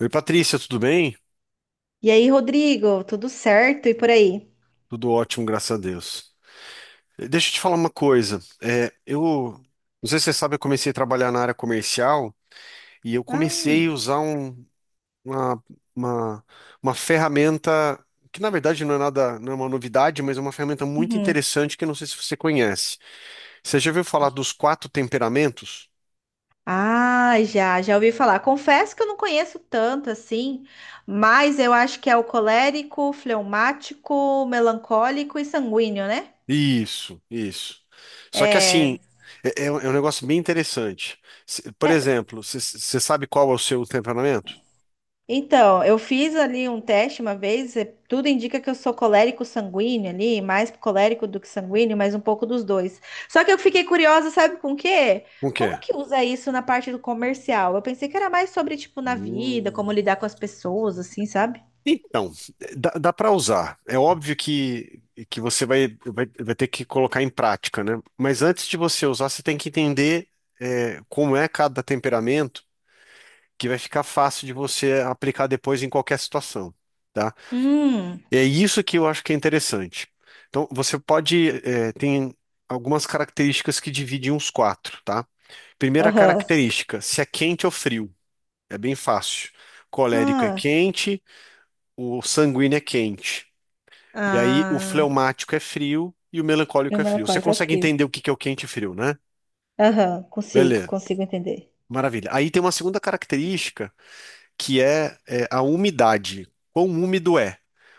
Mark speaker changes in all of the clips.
Speaker 1: Oi, Patrícia, tudo bem?
Speaker 2: E aí, Rodrigo, tudo certo? E por aí?
Speaker 1: Tudo ótimo, graças a Deus. Deixa eu te falar uma coisa. Eu não sei se você sabe, eu comecei a trabalhar na área comercial e eu comecei a
Speaker 2: Ah,
Speaker 1: usar uma, uma, uma ferramenta que na verdade não é nada, não é uma novidade, mas é uma ferramenta muito
Speaker 2: uhum.
Speaker 1: interessante que eu não sei se você conhece. Você já ouviu falar dos quatro temperamentos?
Speaker 2: Ah, já, já ouvi falar. Confesso que eu não conheço tanto assim, mas eu acho que é o colérico, fleumático, melancólico e sanguíneo, né?
Speaker 1: Isso, isso. Só que
Speaker 2: É.
Speaker 1: assim, um negócio bem interessante. Por exemplo, você sabe qual é o seu temperamento?
Speaker 2: Então, eu fiz ali um teste uma vez, tudo indica que eu sou colérico sanguíneo ali, mais colérico do que sanguíneo, mas um pouco dos dois. Só que eu fiquei curiosa, sabe com o quê?
Speaker 1: O que
Speaker 2: Como
Speaker 1: é?
Speaker 2: que usa isso na parte do comercial? Eu pensei que era mais sobre, tipo, na vida, como
Speaker 1: Hum.
Speaker 2: lidar com as pessoas, assim, sabe?
Speaker 1: Então, dá para usar. É óbvio que você vai ter que colocar em prática, né? Mas antes de você usar, você tem que entender como é cada temperamento, que vai ficar fácil de você aplicar depois em qualquer situação, tá?
Speaker 2: Hum,
Speaker 1: É isso que eu acho que é interessante. Então, você pode, tem algumas características que dividem os quatro, tá? Primeira
Speaker 2: aham.
Speaker 1: característica, se é quente ou frio. É bem fácil. Colérico é
Speaker 2: Ah,
Speaker 1: quente, o sanguíneo é quente. E aí o
Speaker 2: ah.
Speaker 1: fleumático é frio e o
Speaker 2: E o
Speaker 1: melancólico é frio. Você
Speaker 2: melancólico é
Speaker 1: consegue
Speaker 2: frio.
Speaker 1: entender o que que é o quente e frio, né?
Speaker 2: Aham, consigo,
Speaker 1: Beleza,
Speaker 2: consigo entender.
Speaker 1: maravilha. Aí tem uma segunda característica que é, a umidade. Quão úmido é?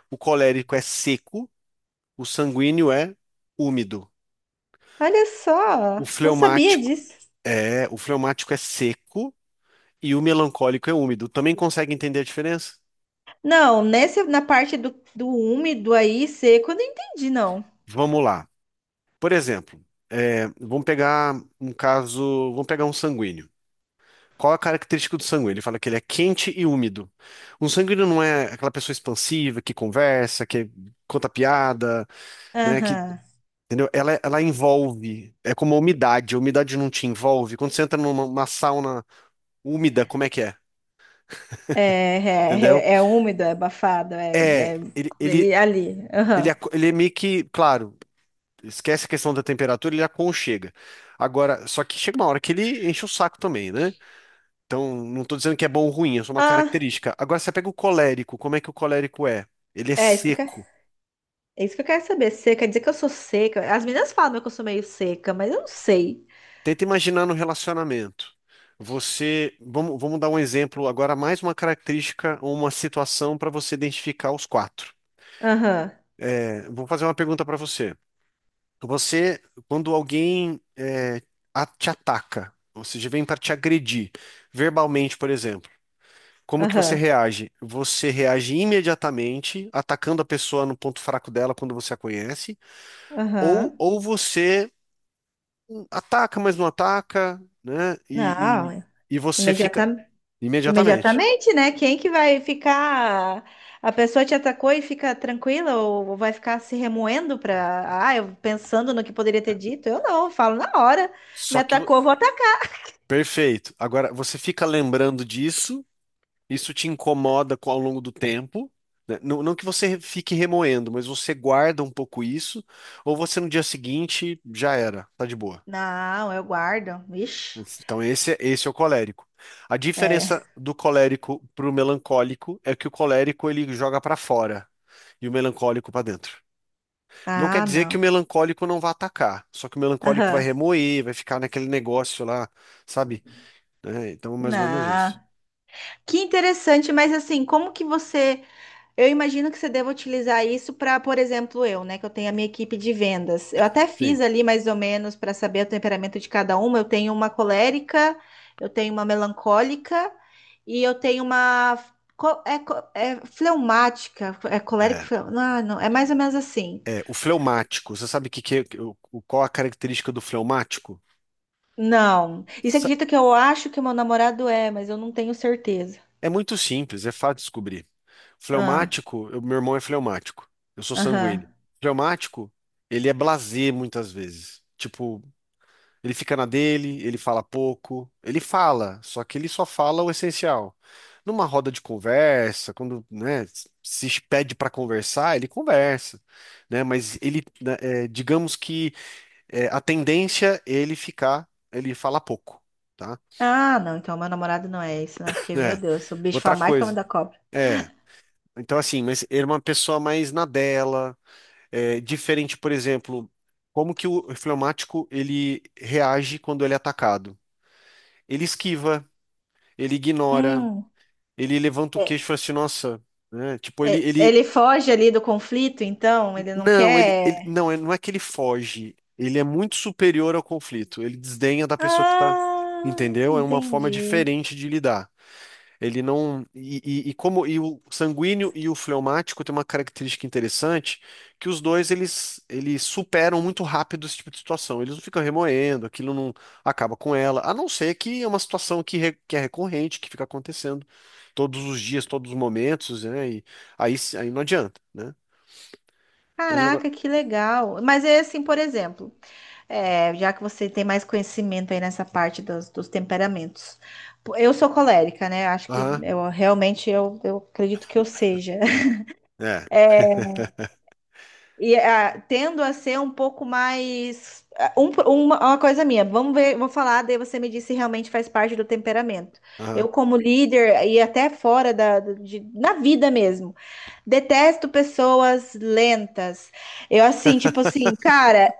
Speaker 1: O colérico é seco, o sanguíneo é úmido.
Speaker 2: Olha só,
Speaker 1: O
Speaker 2: não sabia
Speaker 1: fleumático
Speaker 2: disso.
Speaker 1: o fleumático é seco e o melancólico é úmido. Também consegue entender a diferença?
Speaker 2: Não, nessa na parte do úmido aí, seco, eu não entendi, não.
Speaker 1: Vamos lá. Por exemplo, vamos pegar um caso, vamos pegar um sanguíneo. Qual a característica do sangue? Ele fala que ele é quente e úmido. Um sanguíneo não é aquela pessoa expansiva que conversa, que conta piada, né? Que,
Speaker 2: Aham.
Speaker 1: entendeu? Ela envolve. É como a umidade. A umidade não te envolve. Quando você entra numa sauna úmida, como é que é? Entendeu?
Speaker 2: É úmido, é abafado,
Speaker 1: É, ele, ele,
Speaker 2: é ali. Aham.
Speaker 1: ele é meio que, claro, esquece a questão da temperatura, ele aconchega. Agora, só que chega uma hora que ele enche o saco também, né? Então, não estou dizendo que é bom ou ruim, é só uma
Speaker 2: Ah,
Speaker 1: característica. Agora, você pega o colérico, como é que o colérico é? Ele é
Speaker 2: é isso que eu quero,
Speaker 1: seco.
Speaker 2: é isso que eu quero saber. Seca, quer dizer que eu sou seca. As meninas falam que eu sou meio seca, mas eu não sei.
Speaker 1: Tenta imaginar no relacionamento. Você, vamos dar um exemplo agora, mais uma característica ou uma situação para você identificar os quatro.
Speaker 2: Aham,
Speaker 1: Vou fazer uma pergunta para você. Você, quando alguém te ataca, ou seja, vem para te agredir, verbalmente, por exemplo. Como que você
Speaker 2: aham,
Speaker 1: reage? Você reage imediatamente, atacando a pessoa no ponto fraco dela quando você a conhece,
Speaker 2: aham.
Speaker 1: ou você ataca, mas não ataca, né? E você fica
Speaker 2: Não,
Speaker 1: imediatamente.
Speaker 2: imediatamente, né? Quem que vai ficar? A pessoa te atacou e fica tranquila ou vai ficar se remoendo para, eu pensando no que poderia ter dito? Eu não, eu falo na hora. Me
Speaker 1: Só que, vo-
Speaker 2: atacou, eu vou atacar.
Speaker 1: perfeito. Agora, você fica lembrando disso, isso te incomoda ao longo do tempo. Né? Não, fique remoendo, mas você guarda um pouco isso, ou você no dia seguinte já era, tá de boa.
Speaker 2: Não, eu guardo. Ixi.
Speaker 1: Então, esse é o colérico. A
Speaker 2: É.
Speaker 1: diferença do colérico para o melancólico é que o colérico ele joga para fora e o melancólico para dentro. Não quer
Speaker 2: Ah,
Speaker 1: dizer que o
Speaker 2: não.
Speaker 1: melancólico não vai atacar, só que o melancólico vai
Speaker 2: Aham.
Speaker 1: remoer, vai ficar naquele negócio lá, sabe? Né? Então, é mais ou menos isso.
Speaker 2: Não. Que interessante, mas assim, como que você eu imagino que você deva utilizar isso para, por exemplo, eu, né, que eu tenho a minha equipe de vendas. Eu até fiz
Speaker 1: Sim.
Speaker 2: ali mais ou menos para saber o temperamento de cada uma. Eu tenho uma colérica, eu tenho uma melancólica e eu tenho uma é fleumática, é colérica,
Speaker 1: É,
Speaker 2: não, não, é mais ou menos assim.
Speaker 1: o fleumático, você sabe que, qual a característica do fleumático?
Speaker 2: Não. E você
Speaker 1: Sa-
Speaker 2: acredita que eu acho que o meu namorado é, mas eu não tenho certeza.
Speaker 1: É muito simples, é fácil de descobrir.
Speaker 2: Ah,
Speaker 1: Fleumático, meu irmão é fleumático. Eu sou sanguíneo.
Speaker 2: aham.
Speaker 1: Fleumático, ele é blasé muitas vezes. Tipo, ele fica na dele, ele fala pouco, ele fala, só que ele só fala o essencial. Numa roda de conversa, quando, né, se pede para conversar, ele conversa, né? Mas ele, né, digamos que a tendência é ele ficar, ele fala pouco, tá?
Speaker 2: Ah, não, então meu namorado não é isso, não, porque, meu
Speaker 1: É.
Speaker 2: Deus, o bicho foi a
Speaker 1: Outra
Speaker 2: marca
Speaker 1: coisa.
Speaker 2: da cobra.
Speaker 1: É. Então, assim, mas ele é uma pessoa mais na dela. É, diferente, por exemplo, como que o fleumático ele reage quando ele é atacado? Ele esquiva, ele ignora,
Speaker 2: Hum.
Speaker 1: ele levanta o queixo e fala assim, nossa, né? Tipo,
Speaker 2: É, ele foge ali do conflito, então ele não quer.
Speaker 1: não, não é que ele foge, ele é muito superior ao conflito, ele desdenha da pessoa que tá,
Speaker 2: Ah,
Speaker 1: entendeu? É uma forma
Speaker 2: entendi.
Speaker 1: diferente de lidar. Ele não. E o sanguíneo e o fleumático têm uma característica interessante, que os dois eles superam muito rápido esse tipo de situação. Eles não ficam remoendo, aquilo não acaba com ela, a não ser que é uma situação que é recorrente, que fica acontecendo todos os dias, todos os momentos, né? Aí não adianta, né? Mas o negócio.
Speaker 2: Caraca, que legal. Mas é assim, por exemplo, já que você tem mais conhecimento aí nessa parte dos temperamentos. Pô, eu sou colérica, né? Acho que
Speaker 1: Aham,
Speaker 2: eu realmente eu acredito que eu seja.
Speaker 1: é,
Speaker 2: E tendo a ser um pouco mais. Uma coisa minha, vamos ver, vou falar, daí você me diz se realmente faz parte do temperamento.
Speaker 1: aham,
Speaker 2: Eu, como líder, e até fora na vida mesmo, detesto pessoas lentas. Eu, assim, tipo assim, cara,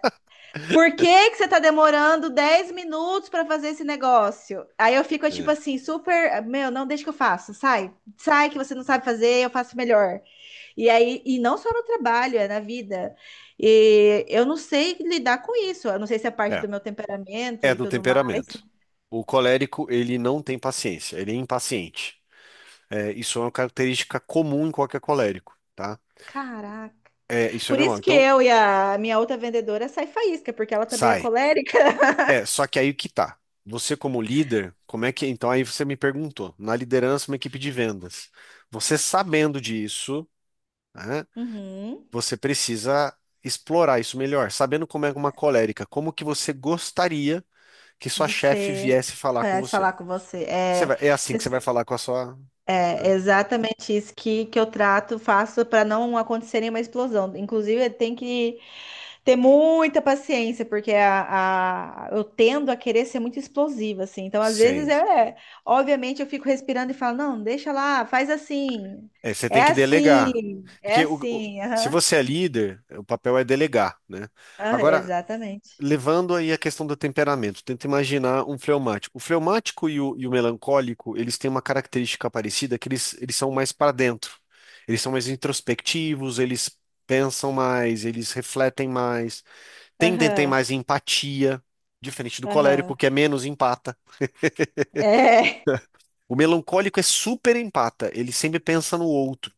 Speaker 2: por que que você tá demorando 10 minutos para fazer esse negócio? Aí eu fico, tipo
Speaker 1: é.
Speaker 2: assim, super. Meu, não deixa que eu faça, sai. Sai que você não sabe fazer, eu faço melhor. E aí, e não só no trabalho, é na vida. E eu não sei lidar com isso. Eu não sei se é parte
Speaker 1: É,
Speaker 2: do meu temperamento
Speaker 1: é
Speaker 2: e
Speaker 1: do
Speaker 2: tudo mais.
Speaker 1: temperamento. O colérico, ele não tem paciência, ele é impaciente. É, isso é uma característica comum em qualquer colérico, tá?
Speaker 2: Caraca.
Speaker 1: É, isso é
Speaker 2: Por
Speaker 1: normal.
Speaker 2: isso que
Speaker 1: Então,
Speaker 2: eu e a minha outra vendedora sai faísca, porque ela também é
Speaker 1: sai.
Speaker 2: colérica.
Speaker 1: É, só que aí que tá. Você como líder, como é que... Então, aí você me perguntou, na liderança, uma equipe de vendas. Você sabendo disso, né,
Speaker 2: Uhum.
Speaker 1: você precisa explorar isso melhor. Sabendo como é uma colérica, como que você gostaria que sua
Speaker 2: De
Speaker 1: chefe
Speaker 2: ser.
Speaker 1: viesse falar com
Speaker 2: Parece
Speaker 1: você.
Speaker 2: falar com você. É,
Speaker 1: É assim que você vai
Speaker 2: se-
Speaker 1: falar com a sua...
Speaker 2: é exatamente isso que eu trato, faço para não acontecer nenhuma explosão. Inclusive, tem que ter muita paciência, porque eu tendo a querer ser muito explosiva, assim. Então, às vezes,
Speaker 1: Sim.
Speaker 2: obviamente, eu fico respirando e falo, não, deixa lá, faz assim.
Speaker 1: É, você
Speaker 2: É
Speaker 1: tem que delegar.
Speaker 2: assim, é
Speaker 1: Porque
Speaker 2: assim.
Speaker 1: se
Speaker 2: Aham.
Speaker 1: você é líder, o papel é delegar, né?
Speaker 2: Ah,
Speaker 1: Agora,
Speaker 2: exatamente.
Speaker 1: levando aí a questão do temperamento, tenta imaginar um fleumático. O fleumático e o melancólico, eles têm uma característica parecida, que eles são mais para dentro. Eles são mais introspectivos, eles pensam mais, eles refletem mais, tendem a ter
Speaker 2: Aham,
Speaker 1: mais empatia, diferente do
Speaker 2: aham.
Speaker 1: colérico, que é menos empata.
Speaker 2: É,
Speaker 1: O melancólico é super empata, ele sempre pensa no outro.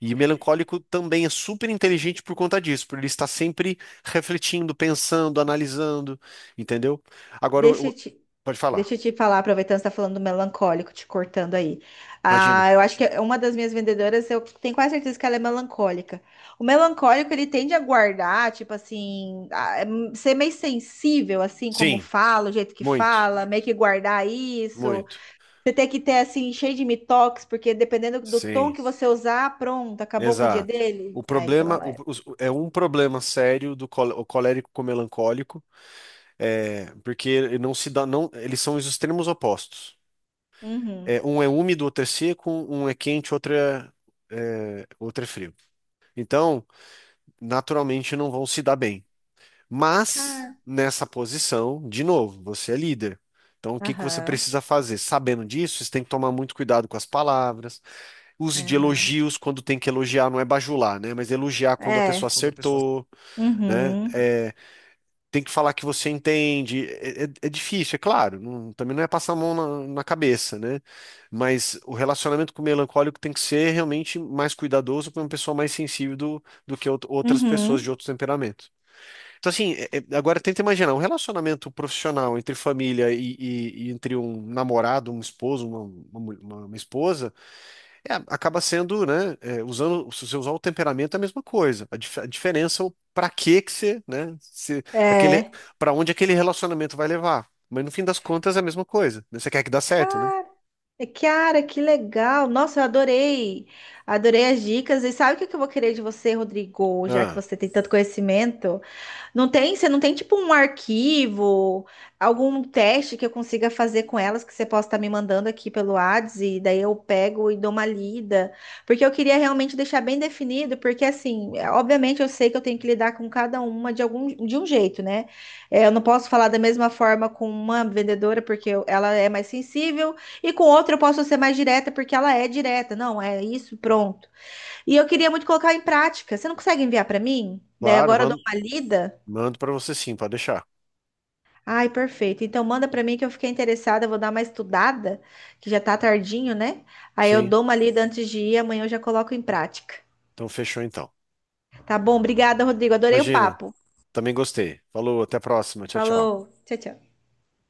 Speaker 1: E o melancólico também é super inteligente por conta disso, por ele estar sempre refletindo, pensando, analisando, entendeu? Agora,
Speaker 2: deixa eu te,
Speaker 1: pode falar,
Speaker 2: Deixa eu te falar, aproveitando que você tá falando do melancólico, te cortando aí.
Speaker 1: imagina.
Speaker 2: Ah, eu acho que é uma das minhas vendedoras, eu tenho quase certeza que ela é melancólica. O melancólico, ele tende a guardar, tipo assim, ser meio sensível, assim, como
Speaker 1: Sim,
Speaker 2: fala, o jeito que
Speaker 1: muito,
Speaker 2: fala, meio que guardar isso.
Speaker 1: muito.
Speaker 2: Você tem que ter, assim, cheio de mitox, porque dependendo do tom
Speaker 1: Sim,
Speaker 2: que você usar, pronto, acabou com o dia
Speaker 1: exato. O
Speaker 2: dele. É, então
Speaker 1: problema
Speaker 2: ela é.
Speaker 1: o- é um problema sério o colérico com o melancólico, porque não se dá, não, eles são os extremos opostos.
Speaker 2: Uhum.
Speaker 1: É, um é úmido, outro é seco, um é quente, outro é frio. Então, naturalmente não vão se dar bem. Mas,
Speaker 2: Cara.
Speaker 1: nessa posição, de novo, você é líder. Então, o que que você
Speaker 2: Aham,
Speaker 1: precisa fazer? Sabendo disso, você tem que tomar muito cuidado com as palavras. Use de
Speaker 2: aham.
Speaker 1: elogios quando tem que elogiar, não é bajular, né? Mas elogiar quando a pessoa
Speaker 2: É.
Speaker 1: acertou, né?
Speaker 2: Uhum,
Speaker 1: Tem que falar que você entende. É difícil, é claro. Também não é passar a mão na cabeça, né? Mas o relacionamento com o melancólico tem que ser realmente mais cuidadoso para uma pessoa mais sensível do que outras pessoas de
Speaker 2: uhum.
Speaker 1: outros temperamentos. Então, assim, agora tenta imaginar um relacionamento profissional entre família e entre um namorado, um esposo, uma esposa. É, acaba sendo, né? Usando, se você usar o temperamento é a mesma coisa. A diferença é o para que que você, né? Se aquele,
Speaker 2: É.
Speaker 1: para onde aquele relacionamento vai levar. Mas no fim das contas é a mesma coisa. Né? Você quer que dá certo, né?
Speaker 2: Cara, Kiara, que legal! Nossa, eu adorei! Adorei as dicas. E sabe o que que eu vou querer de você, Rodrigo? Já que
Speaker 1: Ah,
Speaker 2: você tem tanto conhecimento? Não tem, você não tem tipo um arquivo, algum teste que eu consiga fazer com elas que você possa estar me mandando aqui pelo Whats e daí eu pego e dou uma lida, porque eu queria realmente deixar bem definido, porque assim, obviamente eu sei que eu tenho que lidar com cada uma de algum de um jeito, né? É, eu não posso falar da mesma forma com uma vendedora porque ela é mais sensível e com outra eu posso ser mais direta porque ela é direta. Não, é isso, pronto. E eu queria muito colocar em prática. Você não consegue enviar para mim? Daí
Speaker 1: claro,
Speaker 2: agora eu dou uma lida.
Speaker 1: mando para você sim, pode deixar.
Speaker 2: Ai, perfeito. Então manda pra mim que eu fiquei interessada, eu vou dar uma estudada, que já tá tardinho, né? Aí eu
Speaker 1: Sim,
Speaker 2: dou uma lida antes de ir, amanhã eu já coloco em prática.
Speaker 1: então fechou então.
Speaker 2: Tá bom? Obrigada, Rodrigo. Adorei o
Speaker 1: Imagina,
Speaker 2: papo.
Speaker 1: também gostei. Falou, até a próxima. Tchau, tchau.
Speaker 2: Falou. Tchau, tchau.